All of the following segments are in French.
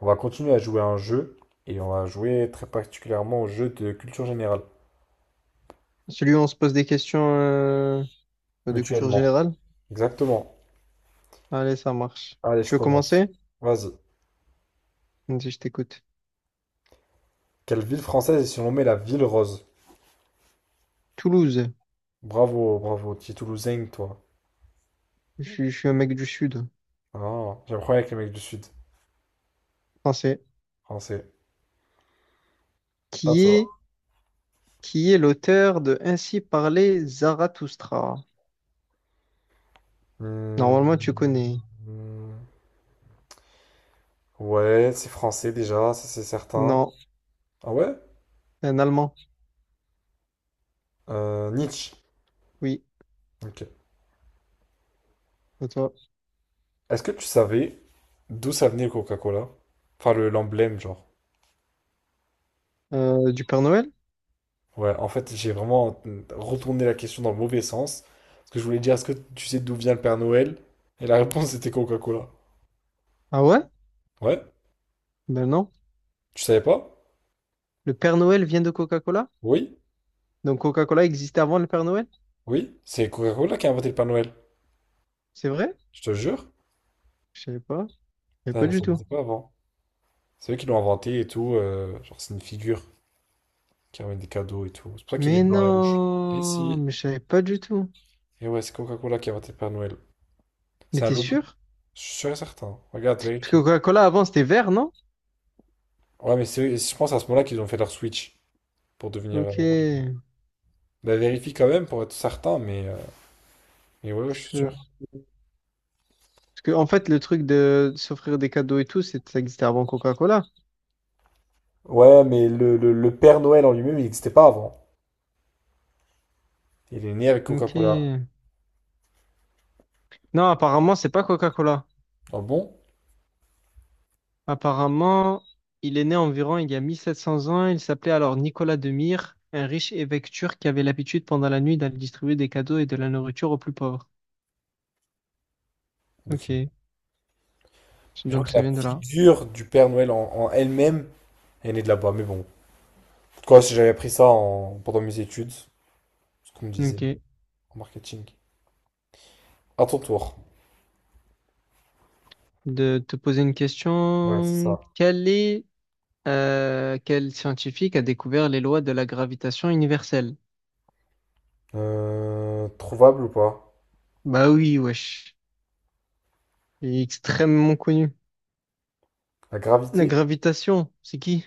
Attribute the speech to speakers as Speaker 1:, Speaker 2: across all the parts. Speaker 1: On va continuer à jouer à un jeu et on va jouer très particulièrement au jeu de culture générale,
Speaker 2: Celui où on se pose des questions de culture
Speaker 1: mutuellement.
Speaker 2: générale?
Speaker 1: Exactement.
Speaker 2: Allez, ça marche.
Speaker 1: Allez, je
Speaker 2: Tu veux
Speaker 1: commence.
Speaker 2: commencer?
Speaker 1: Vas-y.
Speaker 2: Vas-y, je t'écoute.
Speaker 1: Quelle ville française est surnommée la ville rose?
Speaker 2: Toulouse.
Speaker 1: Bravo, bravo. Tu es toulousain, toi.
Speaker 2: Je suis un mec du Sud,
Speaker 1: Ah, j'ai un problème avec les mecs du sud.
Speaker 2: français.
Speaker 1: Français. À
Speaker 2: Qui
Speaker 1: toi.
Speaker 2: est, qui est l'auteur de Ainsi parlait Zarathoustra? Normalement, tu
Speaker 1: Hmm.
Speaker 2: connais.
Speaker 1: Ouais, c'est français déjà, ça c'est certain.
Speaker 2: Non,
Speaker 1: Ah ouais?
Speaker 2: c'est un Allemand.
Speaker 1: Nietzsche.
Speaker 2: Oui,
Speaker 1: Ok.
Speaker 2: c'est toi.
Speaker 1: Est-ce que tu savais d'où ça venait le Coca-Cola? Enfin, l'emblème, genre.
Speaker 2: Du Père Noël?
Speaker 1: Ouais, en fait, j'ai vraiment retourné la question dans le mauvais sens. Parce que je voulais dire, est-ce que tu sais d'où vient le Père Noël? Et la réponse, c'était Coca-Cola.
Speaker 2: Ah ouais?
Speaker 1: Ouais,
Speaker 2: Ben non.
Speaker 1: tu savais pas?
Speaker 2: Le Père Noël vient de Coca-Cola?
Speaker 1: Oui,
Speaker 2: Donc Coca-Cola existait avant le Père Noël?
Speaker 1: oui, c'est Coca-Cola qui a inventé le Père Noël.
Speaker 2: C'est vrai?
Speaker 1: Je te jure,
Speaker 2: Je savais pas. Je savais pas
Speaker 1: ça,
Speaker 2: du
Speaker 1: ça
Speaker 2: tout.
Speaker 1: n'existait pas avant. C'est eux qui l'ont inventé et tout. Genre, c'est une figure qui ramène des cadeaux et tout. C'est pour ça qu'il est
Speaker 2: Mais
Speaker 1: blanc et rouge. Et
Speaker 2: non,
Speaker 1: si?
Speaker 2: mais je savais pas du tout.
Speaker 1: Et ouais, c'est Coca-Cola qui a inventé le Père Noël.
Speaker 2: Mais
Speaker 1: C'est un
Speaker 2: t'es
Speaker 1: lobby.
Speaker 2: sûr?
Speaker 1: Je suis sûr et certain. Regarde,
Speaker 2: Parce que
Speaker 1: vérifie.
Speaker 2: Coca-Cola avant c'était vert, non?
Speaker 1: Ouais, mais c'est, je pense à ce moment-là qu'ils ont fait leur switch pour devenir
Speaker 2: Ok.
Speaker 1: rouge. Bah, vérifie quand même pour être certain, mais. Et ouais, je suis
Speaker 2: Que,
Speaker 1: sûr.
Speaker 2: parce que, en fait le truc de s'offrir des cadeaux et tout, ça existait avant Coca-Cola.
Speaker 1: Ouais, mais le Père Noël en lui-même, il n'existait pas avant. Il est né avec
Speaker 2: Ok.
Speaker 1: Coca-Cola.
Speaker 2: Non, apparemment c'est pas Coca-Cola.
Speaker 1: Ah bon?
Speaker 2: Apparemment, il est né environ il y a 1700 ans. Il s'appelait alors Nicolas de Myre, un riche évêque turc qui avait l'habitude pendant la nuit d'aller distribuer des cadeaux et de la nourriture aux plus pauvres.
Speaker 1: Ok.
Speaker 2: Ok.
Speaker 1: Je crois
Speaker 2: Donc
Speaker 1: que
Speaker 2: ça
Speaker 1: la
Speaker 2: vient de là.
Speaker 1: figure du Père Noël en elle-même, elle est née de là-bas. Mais bon, quoi, si j'avais appris ça en- pendant mes études, ce qu'on me disait
Speaker 2: Ok.
Speaker 1: en marketing. À ton tour.
Speaker 2: De te poser une
Speaker 1: Ouais, c'est
Speaker 2: question.
Speaker 1: ça.
Speaker 2: Quel est quel scientifique a découvert les lois de la gravitation universelle?
Speaker 1: Trouvable ou pas?
Speaker 2: Bah oui, wesh. Il est extrêmement connu.
Speaker 1: La
Speaker 2: La
Speaker 1: gravité?
Speaker 2: gravitation, c'est qui?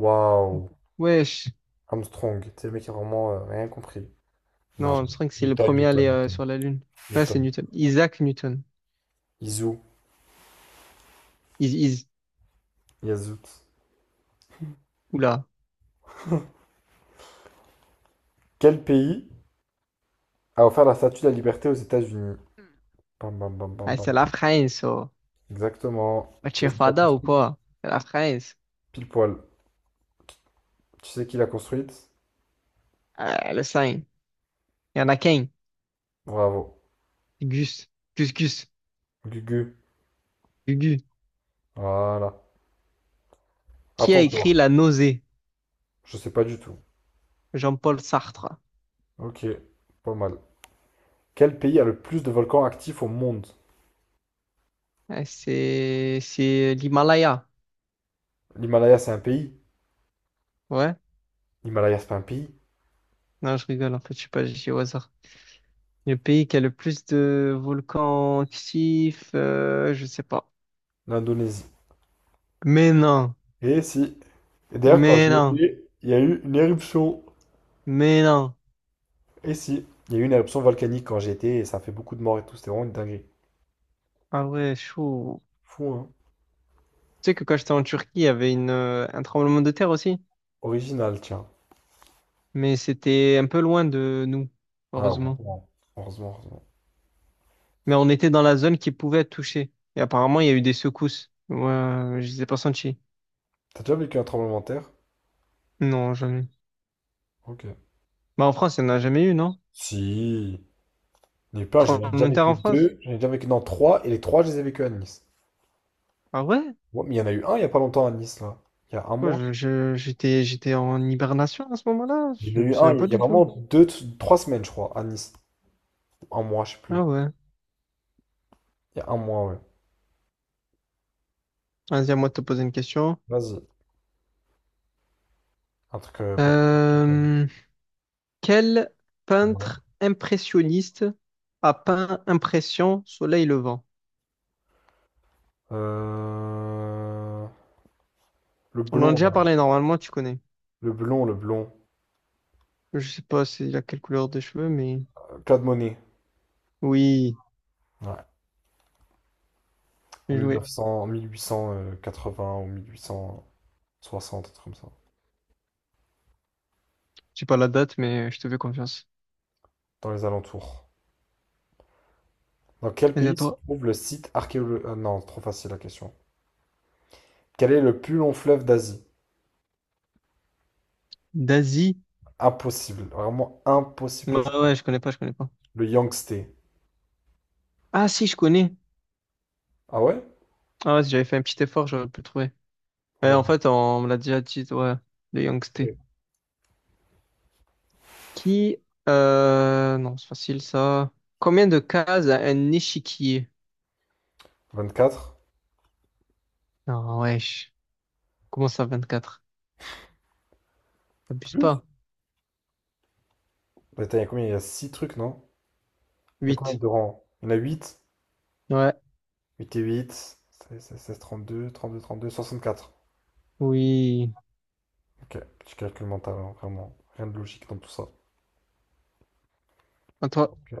Speaker 1: Waouh.
Speaker 2: Wesh.
Speaker 1: Armstrong, c'est le mec qui a vraiment rien compris. Non.
Speaker 2: Non, Armstrong, c'est le
Speaker 1: Newton,
Speaker 2: premier à
Speaker 1: Newton,
Speaker 2: aller
Speaker 1: Newton.
Speaker 2: sur la Lune. Là, c'est
Speaker 1: Newton.
Speaker 2: Newton. Isaac Newton.
Speaker 1: Izu.
Speaker 2: Is, is.
Speaker 1: Yazout.
Speaker 2: Oula.
Speaker 1: Quel pays a offert la Statue de la Liberté aux États-Unis. Bam, bam, bam, bam,
Speaker 2: Ah,
Speaker 1: bam.
Speaker 2: c'est la
Speaker 1: Bam.
Speaker 2: France, oh.
Speaker 1: Exactement.
Speaker 2: Bah, tu es
Speaker 1: Qu'est-ce qu'il a
Speaker 2: fada ou
Speaker 1: construit?
Speaker 2: quoi? C'est la France.
Speaker 1: Pile poil. Tu sais qui l'a construite?
Speaker 2: Ah, le sein. Il y en a qu'un.
Speaker 1: Bravo.
Speaker 2: Gus. Gus, Gus.
Speaker 1: Gugu.
Speaker 2: Gugu.
Speaker 1: Voilà.
Speaker 2: Qui a
Speaker 1: Attends, toi.
Speaker 2: écrit La Nausée?
Speaker 1: Je sais pas du tout.
Speaker 2: Jean-Paul Sartre.
Speaker 1: Ok. Pas mal. Quel pays a le plus de volcans actifs au monde?
Speaker 2: Ah, c'est l'Himalaya.
Speaker 1: L'Himalaya, c'est un pays?
Speaker 2: Ouais.
Speaker 1: L'Himalaya, c'est pas un pays?
Speaker 2: Non, je rigole, en fait, je sais pas, j'ai dit au hasard. Le pays qui a le plus de volcans actifs, je sais pas.
Speaker 1: L'Indonésie.
Speaker 2: Mais non,
Speaker 1: Et si. Et d'ailleurs, quand
Speaker 2: mais
Speaker 1: j'y
Speaker 2: non,
Speaker 1: étais, il y a eu une éruption.
Speaker 2: mais non.
Speaker 1: Et si. Il y a eu une éruption volcanique quand j'y étais et ça a fait beaucoup de morts et tout. C'était vraiment une dinguerie.
Speaker 2: Ah ouais, chaud.
Speaker 1: Fou, hein?
Speaker 2: Tu sais que quand j'étais en Turquie, il y avait une, un tremblement de terre aussi,
Speaker 1: Original, tiens.
Speaker 2: mais c'était un peu loin de nous,
Speaker 1: Ah,
Speaker 2: heureusement.
Speaker 1: heureusement.
Speaker 2: Mais on était dans la zone qui pouvait être touchée. Et apparemment, il y a eu des secousses. Ouais, je les ai pas senties.
Speaker 1: T'as déjà vécu un tremblement de terre?
Speaker 2: Non, jamais.
Speaker 1: Ok.
Speaker 2: Bah en France, il n'y en a jamais eu, non?
Speaker 1: Si. Il y en a eu plein, j'en ai déjà
Speaker 2: Tremblement de terre
Speaker 1: vécu
Speaker 2: en France?
Speaker 1: deux, j'en ai déjà vécu dans trois, et les trois, je les ai vécu à Nice.
Speaker 2: Ah ouais?
Speaker 1: Ouais, mais il y en a eu un il y a pas longtemps à Nice, là. Il y a un
Speaker 2: Quoi,
Speaker 1: mois.
Speaker 2: je, je- j'étais, j'étais en hibernation à ce moment-là?
Speaker 1: Il y
Speaker 2: Je
Speaker 1: en a
Speaker 2: me
Speaker 1: eu
Speaker 2: souviens
Speaker 1: un,
Speaker 2: pas
Speaker 1: il y a
Speaker 2: du tout.
Speaker 1: vraiment deux, trois semaines, je crois, à Nice. Un mois, je sais
Speaker 2: Ah
Speaker 1: plus.
Speaker 2: ouais.
Speaker 1: Il y a un mois, ouais.
Speaker 2: Vas-y, à moi de te poser une question.
Speaker 1: Vas-y. Un truc pas trop compliqué.
Speaker 2: Euh, quel
Speaker 1: Voilà.
Speaker 2: peintre impressionniste a peint Impression, Soleil Levant?
Speaker 1: Euh, Le
Speaker 2: On en a
Speaker 1: blond,
Speaker 2: déjà
Speaker 1: là.
Speaker 2: parlé normalement, tu connais.
Speaker 1: Le blond.
Speaker 2: Je sais pas s'il a quelle couleur de cheveux, mais
Speaker 1: Claude Monet.
Speaker 2: oui,
Speaker 1: Ouais. En
Speaker 2: j'ai joué.
Speaker 1: 1900, en mille huit cent quatre-vingts ou mille huit cent soixante, un truc comme ça.
Speaker 2: J'ai pas la date, mais je te fais confiance.
Speaker 1: Dans les alentours. Dans quel
Speaker 2: Vas-y, à
Speaker 1: pays se
Speaker 2: toi.
Speaker 1: trouve le site archéologique? Non, trop facile la question. Quel est le plus long fleuve d'Asie?
Speaker 2: Daisy?
Speaker 1: Impossible, vraiment impossible
Speaker 2: Ouais,
Speaker 1: que tu...
Speaker 2: ouais, je connais pas, je connais pas.
Speaker 1: Le Yangtze.
Speaker 2: Ah si, je connais.
Speaker 1: Ah ouais?
Speaker 2: Ah ouais, si j'avais fait un petit effort, j'aurais pu le trouver. Ouais,
Speaker 1: J'avoue.
Speaker 2: en fait, on me l'a déjà dit, ouais, le Yongsté.
Speaker 1: Ok.
Speaker 2: Qui, non, c'est facile ça. Combien de cases a un échiquier?
Speaker 1: 24?
Speaker 2: Non, wesh. Comment ça, quatre Abuse
Speaker 1: Plus?
Speaker 2: pas.
Speaker 1: Attends, il y a combien? Il y a 6 trucs, non? Il y a combien
Speaker 2: Huit.
Speaker 1: de rangs? Il y en a 8.
Speaker 2: Ouais,
Speaker 1: 8 et 8, 16, 32, 64.
Speaker 2: oui.
Speaker 1: Ok, petit calcul mental, hein, vraiment. Rien de logique dans tout ça.
Speaker 2: À toi.
Speaker 1: Ok.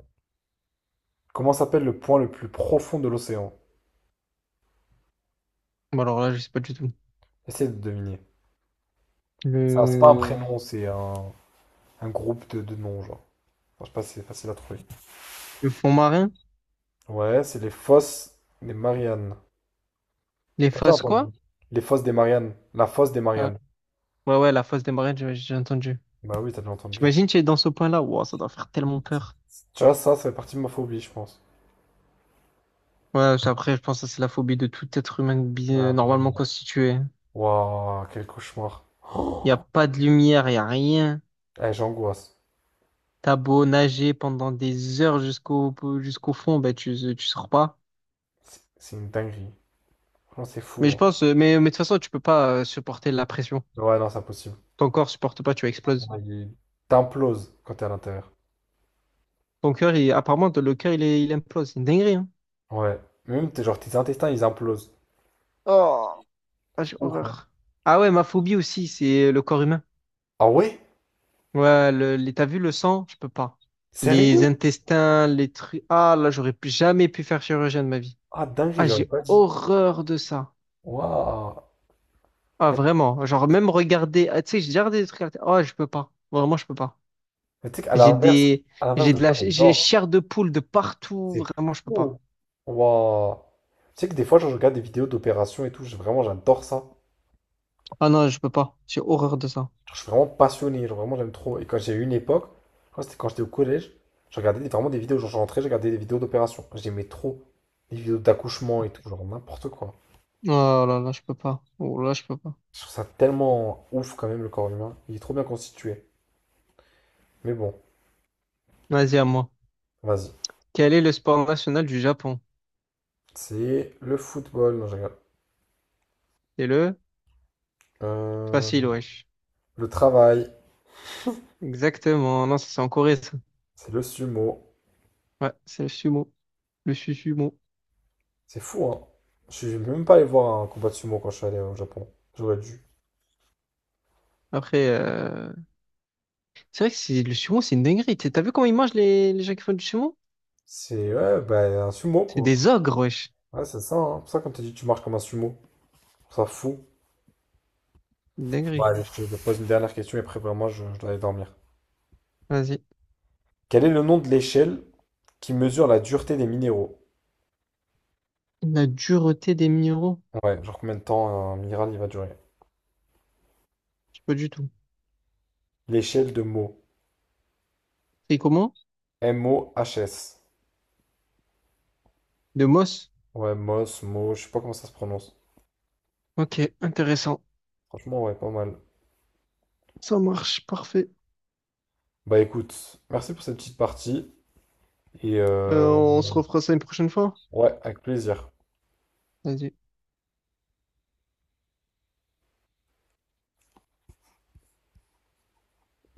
Speaker 1: Comment s'appelle le point le plus profond de l'océan?
Speaker 2: Bon, alors là, je sais pas du tout.
Speaker 1: Essaye de deviner. Ça, c'est pas un
Speaker 2: Le,
Speaker 1: prénom, c'est un groupe de noms, genre. Enfin, je sais pas si c'est facile à trouver.
Speaker 2: le fond marin?
Speaker 1: Ouais, c'est les fosses des Mariannes.
Speaker 2: Les
Speaker 1: T'as déjà
Speaker 2: faces quoi?
Speaker 1: entendu? Les fosses des Mariannes. La fosse des
Speaker 2: Ah,
Speaker 1: Mariannes.
Speaker 2: ouais, ouais, la face des marins, j'ai entendu.
Speaker 1: Bah oui, t'as déjà entendu.
Speaker 2: J'imagine que tu es dans ce point-là. Wow, ça doit faire tellement peur.
Speaker 1: Tu vois, ça fait partie de ma phobie, je pense.
Speaker 2: Ouais, après, je pense que ça, c'est la phobie de tout être humain
Speaker 1: Ouais,
Speaker 2: normalement
Speaker 1: vraiment.
Speaker 2: constitué.
Speaker 1: Waouh, quel cauchemar.
Speaker 2: Il n'y a pas de lumière, il n'y a rien.
Speaker 1: Eh, j'angoisse.
Speaker 2: T'as beau nager pendant des heures jusqu'au fond, bah, tu sors pas.
Speaker 1: C'est une dinguerie. Franchement, c'est
Speaker 2: Mais je
Speaker 1: fou.
Speaker 2: pense, mais de toute façon, tu peux pas supporter la pression.
Speaker 1: Hein. Ouais, non, c'est impossible.
Speaker 2: Ton corps supporte pas, tu exploses.
Speaker 1: Ouais, il- T'imploses quand t'es à l'intérieur.
Speaker 2: Ton cœur, il, apparemment, le cœur, il implose. C'est une dinguerie, hein.
Speaker 1: Ouais. Même, t'es, genre, tes intestins, ils implosent.
Speaker 2: Oh, ah,
Speaker 1: C'est
Speaker 2: j'ai
Speaker 1: ouf. Hein.
Speaker 2: horreur. Ah ouais, ma phobie aussi, c'est le corps humain.
Speaker 1: Ah ouais?
Speaker 2: Ouais, t'as vu le sang? Je peux pas. Les
Speaker 1: Sérieux?
Speaker 2: intestins, les trucs. Ah là, jamais pu faire chirurgien de ma vie.
Speaker 1: Ah, dinguerie,
Speaker 2: Ah,
Speaker 1: j'aurais
Speaker 2: j'ai
Speaker 1: pas dit.
Speaker 2: horreur de ça.
Speaker 1: Waouh.
Speaker 2: Ah,
Speaker 1: Eh,
Speaker 2: vraiment. Genre, même regarder. Ah, tu sais, j'ai déjà regardé des trucs à la télé. Oh, je peux pas. Vraiment, je peux pas.
Speaker 1: mais tu sais qu'à
Speaker 2: J'ai
Speaker 1: l'inverse,
Speaker 2: des,
Speaker 1: à l'inverse
Speaker 2: j'ai
Speaker 1: de
Speaker 2: de la,
Speaker 1: quoi
Speaker 2: j'ai
Speaker 1: j'adore.
Speaker 2: chair de poule de partout.
Speaker 1: C'est
Speaker 2: Vraiment, je peux
Speaker 1: fou.
Speaker 2: pas.
Speaker 1: Waouh. Tu sais que des fois, genre, je regarde des vidéos d'opérations et tout, vraiment, j'adore ça.
Speaker 2: Ah non, je peux pas. J'ai horreur de ça.
Speaker 1: Je suis vraiment passionné, genre, vraiment, j'aime trop. Et quand j'ai eu une époque, je crois que c'était quand j'étais au collège, vraiment des vidéos, genre, je rentrais, je regardais des vidéos d'opérations. J'aimais trop les vidéos d'accouchement et tout, genre, n'importe quoi.
Speaker 2: Oh là là, je peux pas. Oh là, je peux pas.
Speaker 1: Je trouve ça tellement ouf, quand même, le corps humain. Il est trop bien constitué. Mais bon,
Speaker 2: Vas-y, à moi.
Speaker 1: vas-y.
Speaker 2: Quel est le sport national du Japon?
Speaker 1: C'est le football, non, je rigole.
Speaker 2: C'est le
Speaker 1: Euh,
Speaker 2: facile, wesh.
Speaker 1: le travail,
Speaker 2: Exactement. Non, ça, c'est en Corée, ça.
Speaker 1: c'est le sumo.
Speaker 2: Ouais, c'est le sumo. Sumo.
Speaker 1: C'est fou, hein. Je suis même pas allé voir un combat de sumo quand je suis allé au Japon. J'aurais dû.
Speaker 2: Après, c'est vrai que c'est le sumo, c'est une dinguerie. T'as vu comment ils mangent les gens qui font du sumo?
Speaker 1: C'est ouais, bah, un sumo,
Speaker 2: C'est
Speaker 1: quoi.
Speaker 2: des ogres, wesh.
Speaker 1: Ouais, c'est ça, hein. C'est pour ça, comme t'as dit, tu marches comme un sumo. Je trouve ça fou.
Speaker 2: Une
Speaker 1: Bon,
Speaker 2: dinguerie.
Speaker 1: allez, je te pose une dernière question et après, vraiment, je dois aller dormir.
Speaker 2: Vas-y.
Speaker 1: Quel est le nom de l'échelle qui mesure la dureté des minéraux?
Speaker 2: La dureté des minéraux?
Speaker 1: Ouais, genre combien de temps un minéral il va durer?
Speaker 2: Je sais pas du tout.
Speaker 1: L'échelle de Mohs.
Speaker 2: C'est comment?
Speaker 1: Mohs.
Speaker 2: De Moss?
Speaker 1: Ouais, Moss, Mo, je sais pas comment ça se prononce.
Speaker 2: Ok, intéressant.
Speaker 1: Franchement, ouais, pas mal.
Speaker 2: Ça marche, parfait.
Speaker 1: Bah écoute, merci pour cette petite partie et
Speaker 2: On se refera ça une prochaine fois.
Speaker 1: ouais, avec plaisir.
Speaker 2: Vas-y.